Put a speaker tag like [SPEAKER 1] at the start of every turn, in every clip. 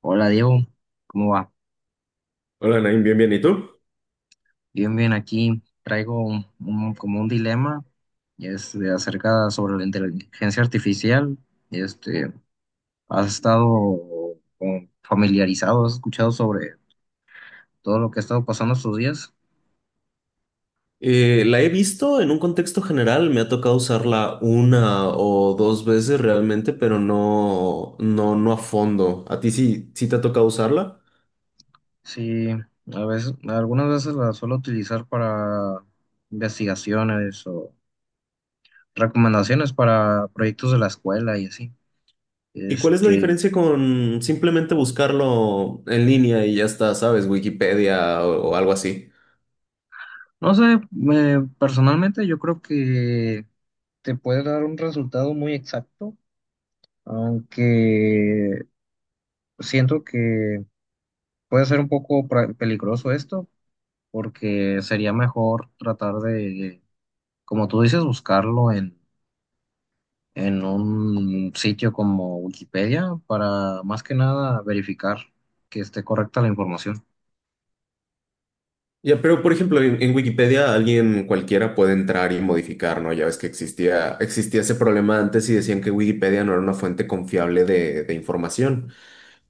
[SPEAKER 1] Hola Diego, ¿cómo va?
[SPEAKER 2] Hola, Nain, bien, bien. ¿Y tú?
[SPEAKER 1] Bien, bien, aquí traigo como un dilema, y es de acerca sobre la inteligencia artificial. Este, ¿Has estado como familiarizado, has escuchado sobre todo lo que ha estado pasando estos días?
[SPEAKER 2] La he visto en un contexto general, me ha tocado usarla una o dos veces realmente, pero no a fondo. ¿A ti sí te ha tocado usarla?
[SPEAKER 1] Sí, a veces, algunas veces la suelo utilizar para investigaciones o recomendaciones para proyectos de la escuela y así.
[SPEAKER 2] ¿Y cuál es la
[SPEAKER 1] Este,
[SPEAKER 2] diferencia con simplemente buscarlo en línea y ya está, sabes, Wikipedia o algo así?
[SPEAKER 1] no sé, personalmente yo creo que te puede dar un resultado muy exacto, aunque siento que puede ser un poco peligroso esto, porque sería mejor tratar de, como tú dices, buscarlo en un sitio como Wikipedia, para más que nada verificar que esté correcta la información.
[SPEAKER 2] Ya, pero por ejemplo, en Wikipedia alguien cualquiera puede entrar y modificar, ¿no? Ya ves que existía ese problema antes y decían que Wikipedia no era una fuente confiable de información.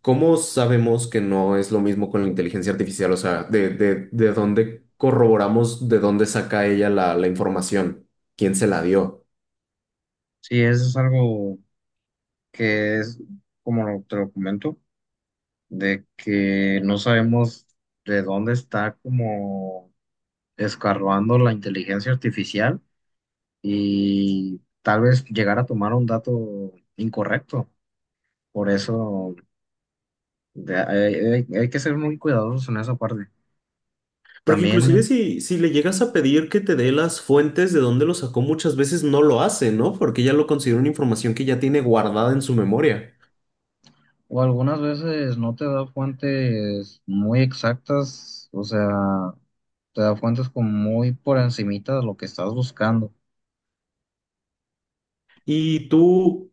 [SPEAKER 2] ¿Cómo sabemos que no es lo mismo con la inteligencia artificial? O sea, de dónde corroboramos, de dónde saca ella la información? ¿Quién se la dio?
[SPEAKER 1] Sí, eso es algo que es, como te lo comento, de que no sabemos de dónde está como escarbando la inteligencia artificial y tal vez llegar a tomar un dato incorrecto. Por eso hay que ser muy cuidadosos en esa parte.
[SPEAKER 2] Porque
[SPEAKER 1] También,
[SPEAKER 2] inclusive si le llegas a pedir que te dé las fuentes de dónde lo sacó, muchas veces no lo hace, ¿no? Porque ya lo considera una información que ya tiene guardada en su memoria.
[SPEAKER 1] o algunas veces no te da fuentes muy exactas, o sea, te da fuentes como muy por encimita de lo que estás buscando.
[SPEAKER 2] Y tú,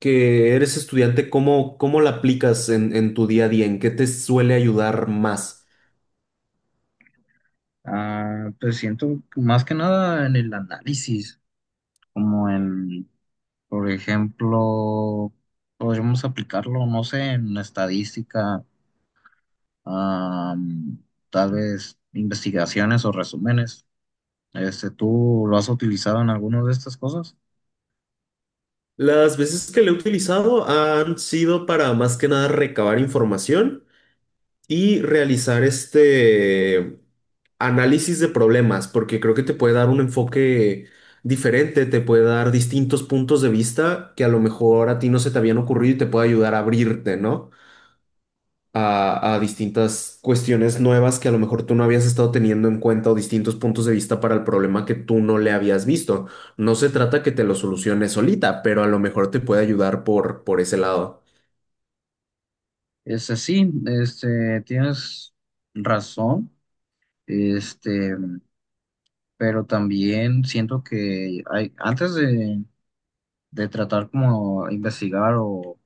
[SPEAKER 2] que eres estudiante, cómo la aplicas en tu día a día? ¿En qué te suele ayudar más?
[SPEAKER 1] Ah, pues siento que más que nada en el análisis, como en por ejemplo, podríamos aplicarlo, no sé, en estadística, am, tal vez investigaciones o resúmenes. ¿Tú lo has utilizado en alguna de estas cosas?
[SPEAKER 2] Las veces que lo he utilizado han sido para más que nada recabar información y realizar este análisis de problemas, porque creo que te puede dar un enfoque diferente, te puede dar distintos puntos de vista que a lo mejor a ti no se te habían ocurrido y te puede ayudar a abrirte, ¿no? A distintas cuestiones nuevas que a lo mejor tú no habías estado teniendo en cuenta o distintos puntos de vista para el problema que tú no le habías visto. No se trata que te lo soluciones solita, pero a lo mejor te puede ayudar por ese lado.
[SPEAKER 1] Sí, tienes razón, este, pero también siento que hay, antes de tratar como investigar o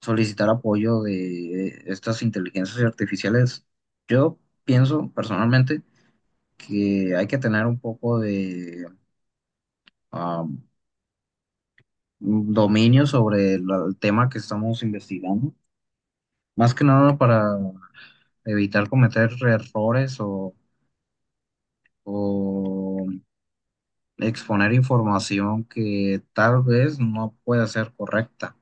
[SPEAKER 1] solicitar apoyo de estas inteligencias artificiales, yo pienso personalmente que hay que tener un poco de am, dominio sobre el tema que estamos investigando, más que nada para evitar cometer errores o exponer información que tal vez no pueda ser correcta.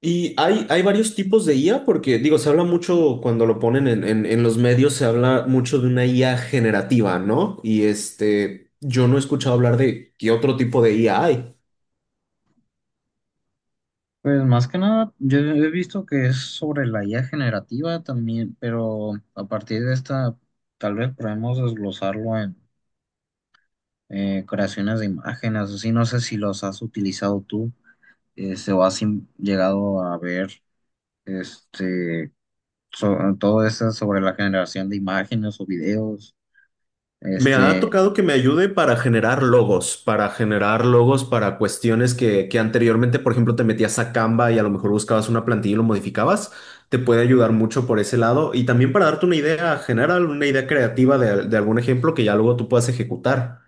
[SPEAKER 2] Y hay varios tipos de IA porque, digo, se habla mucho cuando lo ponen en los medios, se habla mucho de una IA generativa, ¿no? Y este, yo no he escuchado hablar de qué otro tipo de IA hay.
[SPEAKER 1] Pues más que nada, yo he visto que es sobre la IA generativa también, pero a partir de esta, tal vez podemos desglosarlo en creaciones de imágenes, así no sé si los has utilizado tú. Sebastián llegado a ver este, todo eso sobre la generación de imágenes o videos.
[SPEAKER 2] Me ha
[SPEAKER 1] Este,
[SPEAKER 2] tocado que me ayude para generar logos, para generar logos para cuestiones que anteriormente, por ejemplo, te metías a Canva y a lo mejor buscabas una plantilla y lo modificabas. Te puede ayudar mucho por ese lado. Y también para darte una idea general, una idea creativa de algún ejemplo que ya luego tú puedas ejecutar.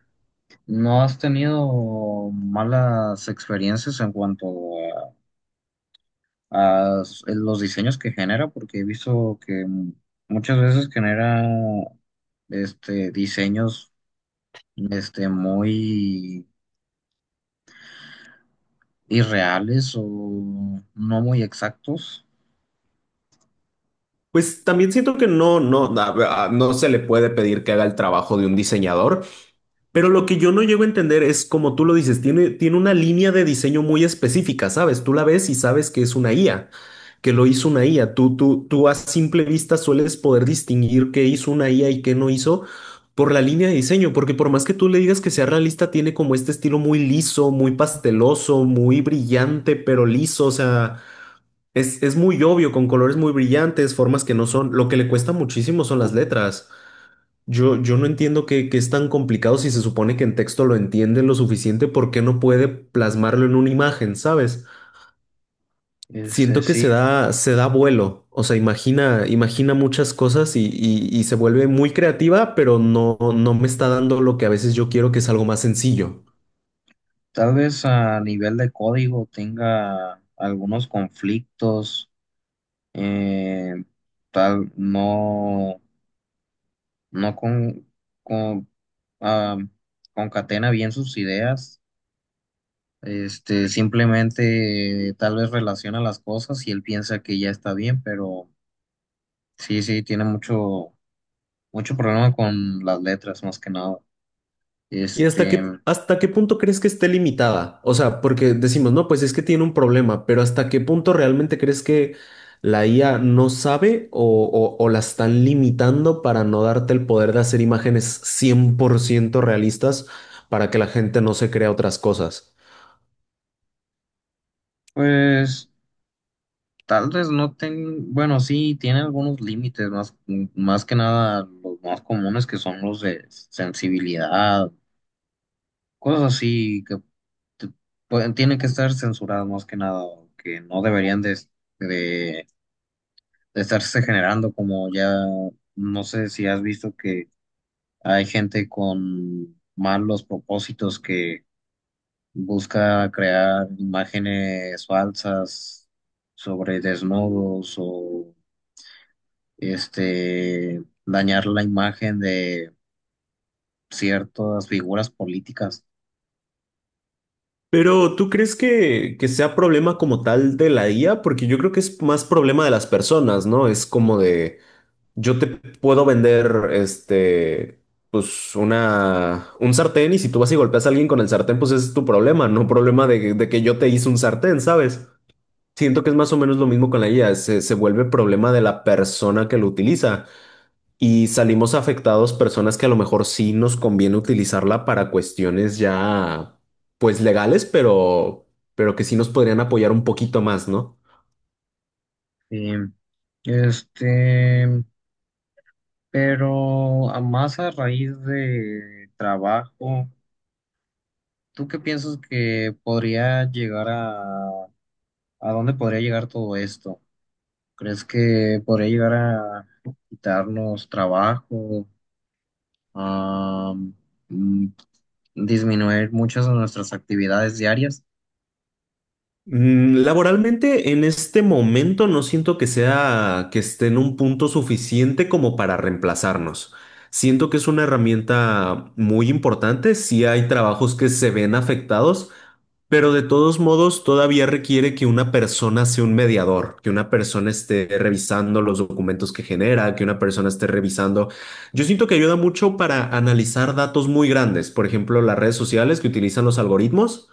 [SPEAKER 1] ¿No has tenido malas experiencias en cuanto a, los diseños que genera? Porque he visto que muchas veces genera diseños muy irreales o no muy exactos.
[SPEAKER 2] Pues también siento que no se le puede pedir que haga el trabajo de un diseñador, pero lo que yo no llego a entender es, como tú lo dices, tiene una línea de diseño muy específica, ¿sabes? Tú la ves y sabes que es una IA, que lo hizo una IA. Tú a simple vista sueles poder distinguir qué hizo una IA y qué no hizo por la línea de diseño, porque por más que tú le digas que sea realista, tiene como este estilo muy liso, muy pasteloso, muy brillante, pero liso, o sea, es muy obvio, con colores muy brillantes, formas que no son, lo que le cuesta muchísimo son las letras. Yo no entiendo que es tan complicado si se supone que en texto lo entienden lo suficiente, ¿por qué no puede plasmarlo en una imagen, ¿sabes?
[SPEAKER 1] Este,
[SPEAKER 2] Siento que
[SPEAKER 1] sí,
[SPEAKER 2] se da vuelo, o sea, imagina muchas cosas y se vuelve muy creativa, pero no me está dando lo que a veces yo quiero, que es algo más sencillo.
[SPEAKER 1] Tal vez a nivel de código tenga algunos conflictos, eh, tal no, no con, con, ah, concatena bien sus ideas, simplemente tal vez relaciona las cosas y él piensa que ya está bien, pero sí, sí, tiene mucho problema con las letras más que nada.
[SPEAKER 2] ¿Y hasta
[SPEAKER 1] Este,
[SPEAKER 2] hasta qué punto crees que esté limitada? O sea, porque decimos, no, pues es que tiene un problema, pero ¿hasta qué punto realmente crees que la IA no sabe o, o la están limitando para no darte el poder de hacer imágenes 100% realistas para que la gente no se crea otras cosas?
[SPEAKER 1] pues. Tal vez no ten, bueno, sí, tiene algunos límites, más que nada los más comunes, que son los de sensibilidad, cosas así que te- tienen que estar censuradas más que nada, que no deberían de, de- de estarse generando como ya. No sé si has visto que hay gente con malos propósitos que busca crear imágenes falsas sobre desnudos o dañar la imagen de ciertas figuras políticas.
[SPEAKER 2] Pero ¿tú crees que sea problema como tal de la IA? Porque yo creo que es más problema de las personas, ¿no? Es como de, yo te puedo vender, este, pues una, un sartén y si tú vas y golpeas a alguien con el sartén, pues ese es tu problema, no problema de que yo te hice un sartén, ¿sabes? Siento que es más o menos lo mismo con la IA, se vuelve problema de la persona que lo utiliza. Y salimos afectados personas que a lo mejor sí nos conviene utilizarla para cuestiones ya, pues legales, pero que sí nos podrían apoyar un poquito más, ¿no?
[SPEAKER 1] Sí. Este, pero a más a raíz de trabajo, ¿tú qué piensas que podría llegar a dónde podría llegar todo esto? ¿Crees que podría llegar a quitarnos trabajo, a mm, disminuir muchas de nuestras actividades diarias?
[SPEAKER 2] Mm, laboralmente, en este momento no siento que sea que esté en un punto suficiente como para reemplazarnos. Siento que es una herramienta muy importante. Si hay trabajos que se ven afectados, pero de todos modos, todavía requiere que una persona sea un mediador, que una persona esté revisando los documentos que genera, que una persona esté revisando. Yo siento que ayuda mucho para analizar datos muy grandes, por ejemplo, las redes sociales que utilizan los algoritmos.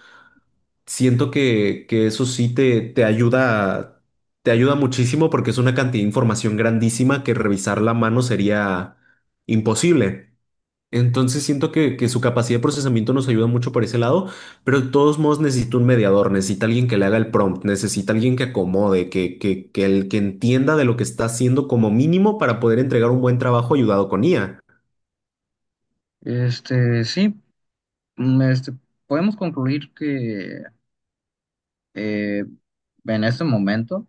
[SPEAKER 2] Siento que eso sí te, te ayuda muchísimo porque es una cantidad de información grandísima que revisar la mano sería imposible. Entonces siento que su capacidad de procesamiento nos ayuda mucho por ese lado, pero de todos modos necesita un mediador, necesita alguien que le haga el prompt, necesita alguien que acomode, que el que entienda de lo que está haciendo como mínimo para poder entregar un buen trabajo ayudado con IA.
[SPEAKER 1] Sí, mm, este, podemos concluir que eh, en este momento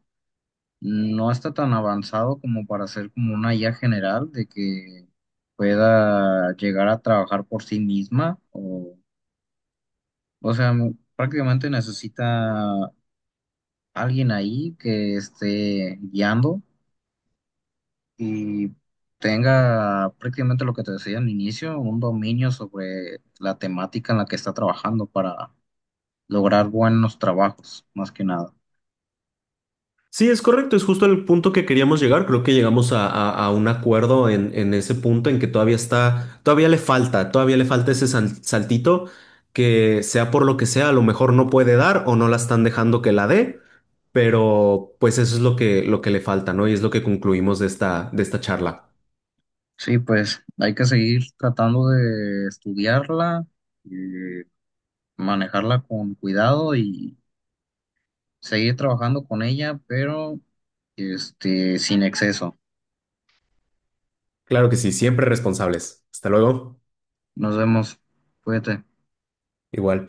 [SPEAKER 1] no está tan avanzado como para ser como una IA general, de que pueda llegar a trabajar por sí misma. O sea, prácticamente necesita alguien ahí que esté guiando y tenga prácticamente lo que te decía al inicio, un dominio sobre la temática en la que está trabajando, para lograr buenos trabajos, más que nada.
[SPEAKER 2] Sí, es correcto, es justo el punto que queríamos llegar. Creo que llegamos a, a un acuerdo en ese punto en que todavía está, todavía le falta ese saltito que sea por lo que sea, a lo mejor no puede dar o no la están dejando que la dé, pero pues eso es lo lo que le falta, ¿no? Y es lo que concluimos de esta charla.
[SPEAKER 1] Sí, pues hay que seguir tratando de estudiarla, eh, manejarla con cuidado y seguir trabajando con ella, pero sin exceso.
[SPEAKER 2] Claro que sí, siempre responsables. Hasta luego.
[SPEAKER 1] Nos vemos. Cuídate.
[SPEAKER 2] Igual.